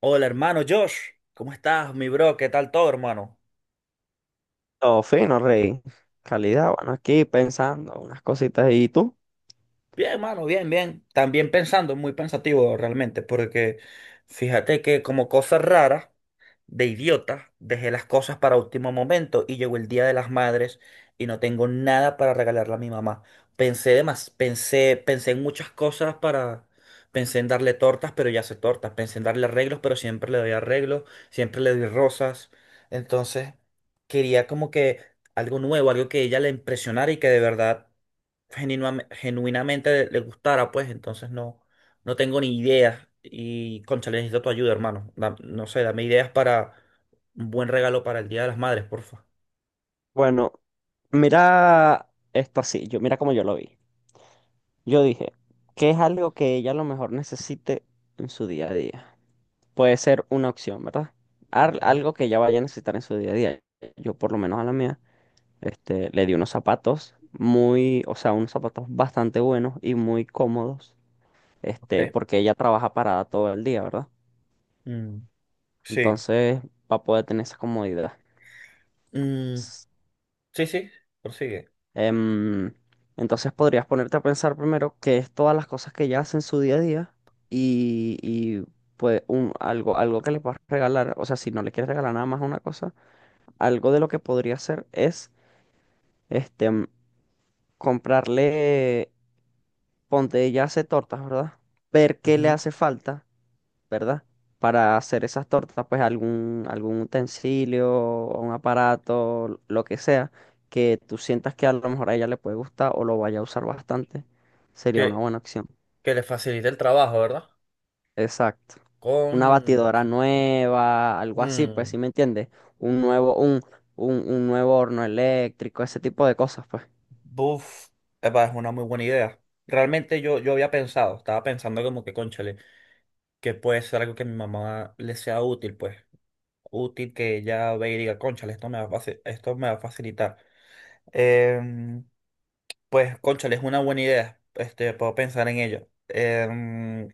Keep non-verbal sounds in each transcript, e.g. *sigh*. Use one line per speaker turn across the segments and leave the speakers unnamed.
Hola, hermano Josh. ¿Cómo estás, mi bro? ¿Qué tal todo, hermano?
Todo fino, rey. Calidad, bueno, aquí pensando unas cositas. ¿Y tú?
Bien, hermano, bien, bien. También pensando, muy pensativo realmente, porque fíjate que como cosas raras, de idiota, dejé las cosas para último momento y llegó el Día de las Madres y no tengo nada para regalarle a mi mamá. Pensé de más, pensé en muchas cosas para, pensé en darle tortas, pero ya hace tortas, pensé en darle arreglos, pero siempre le doy arreglos, siempre le doy rosas. Entonces, quería como que algo nuevo, algo que ella le impresionara y que de verdad genuinamente le gustara, pues entonces no. No tengo ni ideas y, cónchale, necesito tu ayuda, hermano. No sé, dame ideas para un buen regalo para el Día de las Madres, porfa.
Bueno, mira esto así, yo, mira cómo yo lo vi. Yo dije, ¿qué es algo que ella a lo mejor necesite en su día a día? Puede ser una opción, ¿verdad?
Ujú.
Algo que ella vaya a necesitar en su día a día. Yo por lo menos a la mía, le di unos zapatos muy, o sea, unos zapatos bastante buenos y muy cómodos,
Ok.
porque ella trabaja parada todo el día, ¿verdad?
Mm, sí.
Entonces va a poder tener esa comodidad.
Mm, sí, sí, prosigue.
Em, entonces podrías ponerte a pensar primero qué es todas las cosas que ella hace en su día a día y pues algo, algo que le puedas regalar, o sea, si no le quieres regalar nada más una cosa, algo de lo que podría hacer es este, mm, comprarle, ponte, ella hace tortas, ¿verdad? Ver qué le
Ujú.
hace falta, ¿verdad? Para hacer esas tortas, pues algún utensilio, o un aparato, lo que sea, que tú sientas que a lo mejor a ella le puede gustar o lo vaya a usar bastante, sería
Que,
una buena opción.
que le facilite el trabajo, ¿verdad?
Exacto. Una
Con...
batidora nueva, algo así, pues
Mm,
¿si me entiendes? Un nuevo, un, un nuevo horno eléctrico, ese tipo de cosas,
buf, epa, es una muy buena idea. Realmente yo había pensado, estaba pensando como que, cónchale, que puede ser algo que a mi mamá le sea útil, pues. Útil que ella vea y diga, cónchale, esto me va a facilitar. Em, pues, cónchale, es una buena idea. Este, puedo pensar en ello.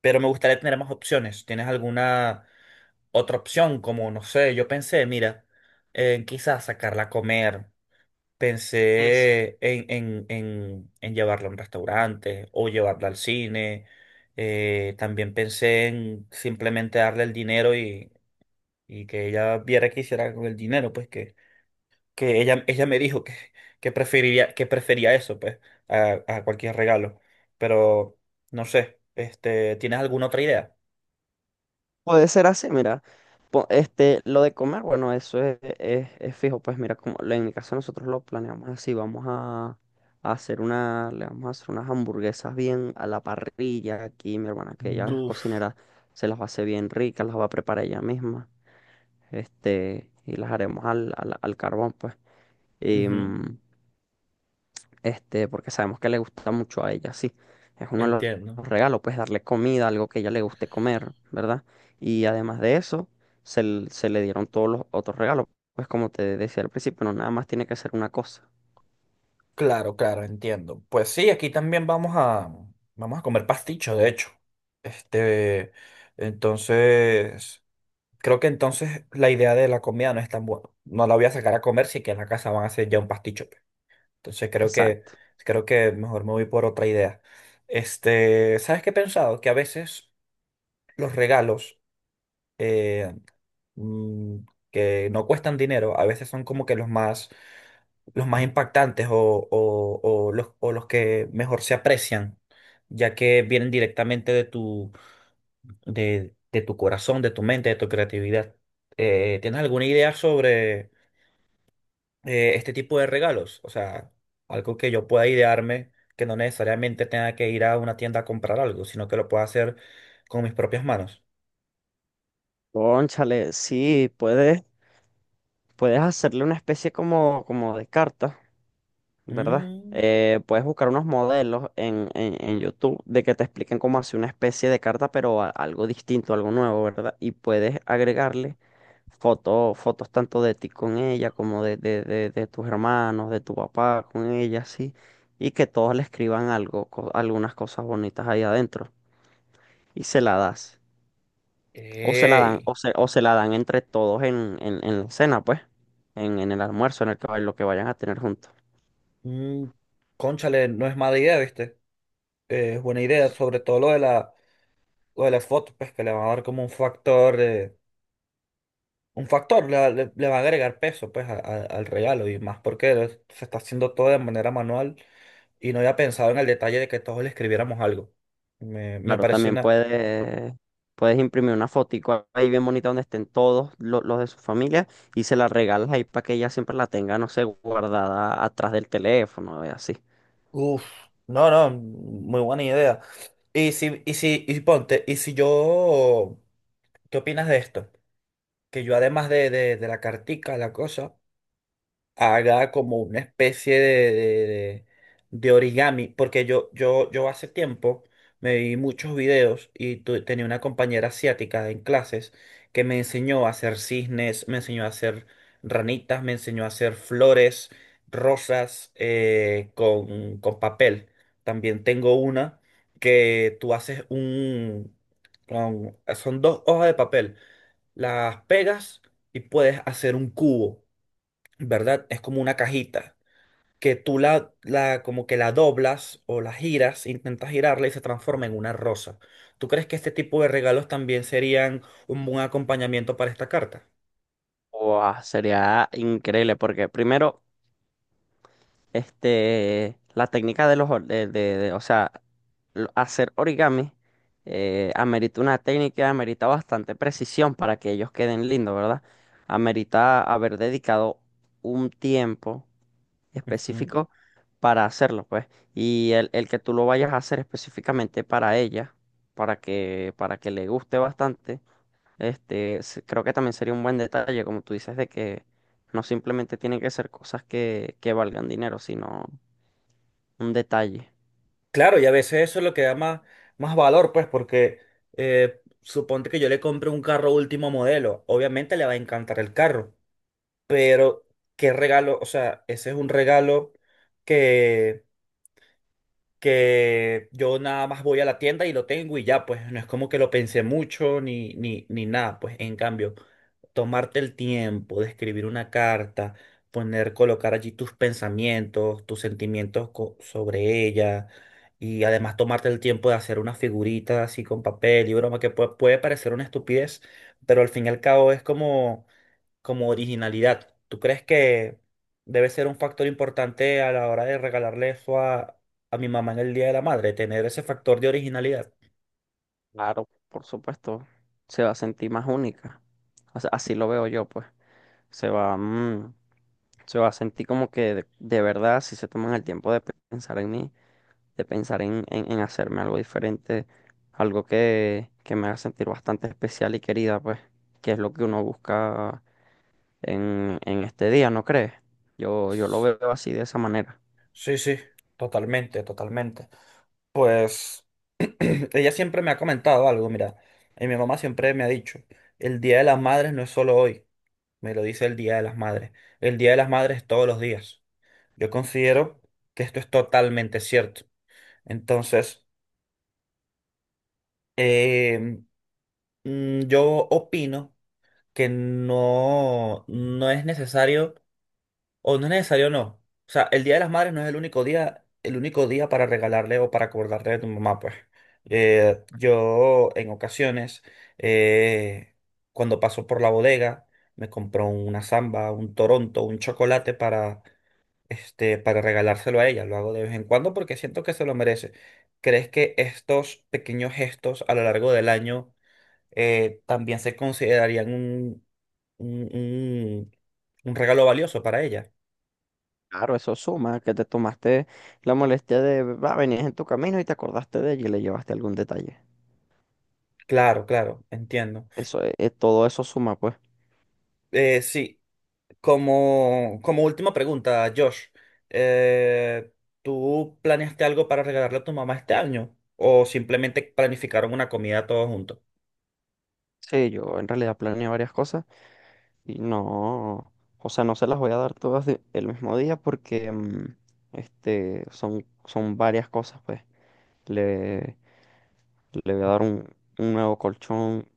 Pero me gustaría tener más opciones. ¿Tienes alguna otra opción? Como, no sé, yo pensé, mira, en quizás sacarla a comer.
pues.
Pensé en llevarla a un restaurante o llevarla al cine. También pensé en simplemente darle el dinero y que ella viera qué hiciera con el dinero, pues que ella me dijo que, que prefería eso, pues, a cualquier regalo. Pero, no sé, ¿tienes alguna otra idea?
Puede ser así, mira. Lo de comer, bueno, es fijo. Pues mira, como en mi caso nosotros lo planeamos así, a hacer le vamos a hacer unas hamburguesas bien a la parrilla. Aquí mi hermana, que ella es
Uf,
cocinera, se las va a hacer bien ricas, las va a preparar ella misma. Y las haremos al carbón, pues
ujú,
porque sabemos que le gusta mucho a ella, sí. Es uno de
entiendo.
los regalos, pues darle comida, algo que a ella le guste comer, ¿verdad? Y además de eso, se le dieron todos los otros regalos. Pues como te decía al principio, no nada más tiene que ser una cosa.
Claro, claro, entiendo. Pues sí, aquí también vamos a, vamos a comer pasticho, de hecho. Este, entonces, creo que entonces la idea de la comida no es tan buena. No la voy a sacar a comer, sí que en la casa van a hacer ya un pasticho. Entonces creo que,
Exacto.
creo que mejor me voy por otra idea. Este, ¿sabes qué he pensado? Que a veces los regalos eh, mm, que no cuestan dinero, a veces son como que los más impactantes o los que mejor se aprecian, ya que vienen directamente de de tu corazón, de tu mente, de tu creatividad. ¿Tienes alguna idea sobre... este tipo de regalos? O sea, algo que yo pueda idearme, que no necesariamente tenga que ir a una tienda a comprar algo, sino que lo pueda hacer con mis propias manos.
Cónchale, sí, puedes hacerle una especie como, como de carta, ¿verdad?
Mm,
Puedes buscar unos modelos en YouTube de que te expliquen cómo hacer una especie de carta, pero algo distinto, algo nuevo, ¿verdad? Y puedes agregarle fotos, fotos tanto de ti con ella como de tus hermanos, de tu papá con ella, sí. Y que todos le escriban algo, algunas cosas bonitas ahí adentro. Y se la das. O se la dan,
ey,
o se la dan entre todos en la cena, pues. En el almuerzo, en el que, lo que vayan a tener juntos.
mm, cónchale, no es mala idea, ¿viste? Es buena idea, sobre todo lo de las fotos, pues que le va a dar como un factor, le va a agregar peso pues al regalo y más porque se está haciendo todo de manera manual y no había pensado en el detalle de que todos le escribiéramos algo. Me
Claro,
parece
también
una,
puedes imprimir una fotico ahí bien bonita donde estén todos de su familia, y se la regalas ahí para que ella siempre la tenga, no sé, guardada atrás del teléfono y así.
uf, no, no, muy buena idea. Y si, y si, y ponte, y si yo, ¿qué opinas de esto? Que yo además de la cartica, la cosa, haga como una especie de- de origami, porque yo hace tiempo me vi muchos videos y tenía una compañera asiática en clases que me enseñó a hacer cisnes, me enseñó a hacer ranitas, me enseñó a hacer flores, rosas con papel. También tengo una que tú haces un... son dos hojas de papel, las pegas y puedes hacer un cubo. ¿Verdad? Es como una cajita que la como que la doblas o la giras, intentas girarla y se transforma en una rosa. ¿Tú crees que este tipo de regalos también serían un buen acompañamiento para esta carta?
Guau, sería increíble porque primero, la técnica de los, o sea, hacer origami, amerita una técnica, amerita bastante precisión para que ellos queden lindos, ¿verdad? Amerita haber dedicado un tiempo
Ujú.
específico para hacerlo, pues. Y el que tú lo vayas a hacer específicamente para ella, para que le guste bastante, creo que también sería un buen detalle, como tú dices, de que no simplemente tienen que ser cosas que valgan dinero, sino un detalle.
Claro, y a veces eso es lo que da más, más valor, pues, porque suponte que yo le compre un carro último modelo. Obviamente le va a encantar el carro, pero ¿qué regalo? O sea, ese es un regalo que que yo nada más voy a la tienda y lo tengo y ya, pues no es como que lo pensé mucho ni nada, pues en cambio, tomarte el tiempo de escribir una carta, colocar allí tus pensamientos, tus sentimientos sobre ella y además tomarte el tiempo de hacer una figurita así con papel y broma que puede parecer una estupidez, pero al fin y al cabo es como como originalidad. ¿Tú crees que debe ser un factor importante a la hora de regalarle eso a mi mamá en el Día de la Madre, tener ese factor de originalidad?
Claro, por supuesto, se va a sentir más única. O sea, así lo veo yo, pues. Se va, mm, se va a sentir como que de verdad, si se toman el tiempo de pensar en mí, de pensar en hacerme algo diferente, algo que me haga sentir bastante especial y querida, pues, que es lo que uno busca en este día, ¿no crees? Yo lo veo así de esa manera.
Sí, sí, totalmente, totalmente. Pues *clears throat* ella siempre me ha comentado algo, mira, y mi mamá siempre me ha dicho, el Día de las Madres no es solo hoy, me lo dice el Día de las Madres, el Día de las Madres es todos los días. Yo considero que esto es totalmente cierto. Entonces, em, yo opino que no es necesario, o no es necesario, no. O sea, el Día de las Madres no es el único día para regalarle o para acordarle a tu mamá, pues. Yo en ocasiones, eh, cuando paso por la bodega, me compro una samba, un Toronto, un chocolate para, este, para regalárselo a ella. Lo hago de vez en cuando porque siento que se lo merece. ¿Crees que estos pequeños gestos a lo largo del año también se considerarían un, un- un regalo valioso para ella?
Claro, eso suma, que te tomaste la molestia de, va, venías en tu camino y te acordaste de ella y le llevaste algún detalle.
Claro, claro, entiendo.
Eso, todo eso suma, pues.
Sí, como, como última pregunta, Josh, eh, ¿tú planeaste algo para regalarle a tu mamá este año? ¿O simplemente planificaron una comida todos juntos?
Sí, yo en realidad planeé varias cosas. Y no, o sea, no se las voy a dar todas el mismo día porque son, son varias cosas, pues. Le, Le voy a dar un nuevo colchón,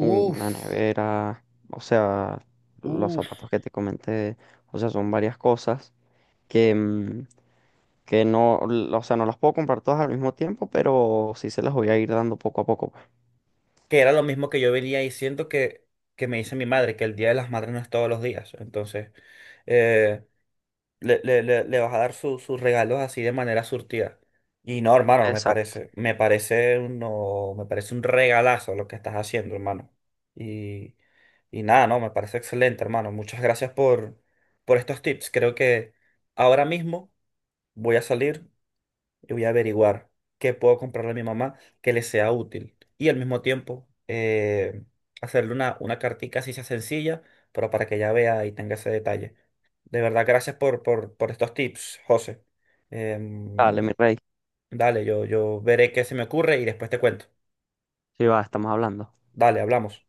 una nevera, o sea, los
uf.
zapatos que te comenté, o sea, son varias cosas que, que no, o sea, no las puedo comprar todas al mismo tiempo, pero sí se las voy a ir dando poco a poco, pues.
Que era lo mismo que yo venía diciendo que me dice mi madre, que el Día de las Madres no es todos los días. Entonces, eh, le vas a dar sus regalos así de manera surtida. Y no, hermano,
Exacto.
me parece un regalazo lo que estás haciendo, hermano. Y, y nada, no, me parece excelente, hermano. Muchas gracias por estos tips. Creo que ahora mismo voy a salir, y voy a averiguar qué puedo comprarle a mi mamá que le sea útil. Y al mismo tiempo, hacerle una cartica así sea sencilla, pero para que ella vea y tenga ese detalle. De verdad, gracias por estos tips, José. Em,
Dale, mi rey.
dale, yo veré qué se me ocurre y después te cuento.
Sí, va, estamos hablando.
Dale, hablamos.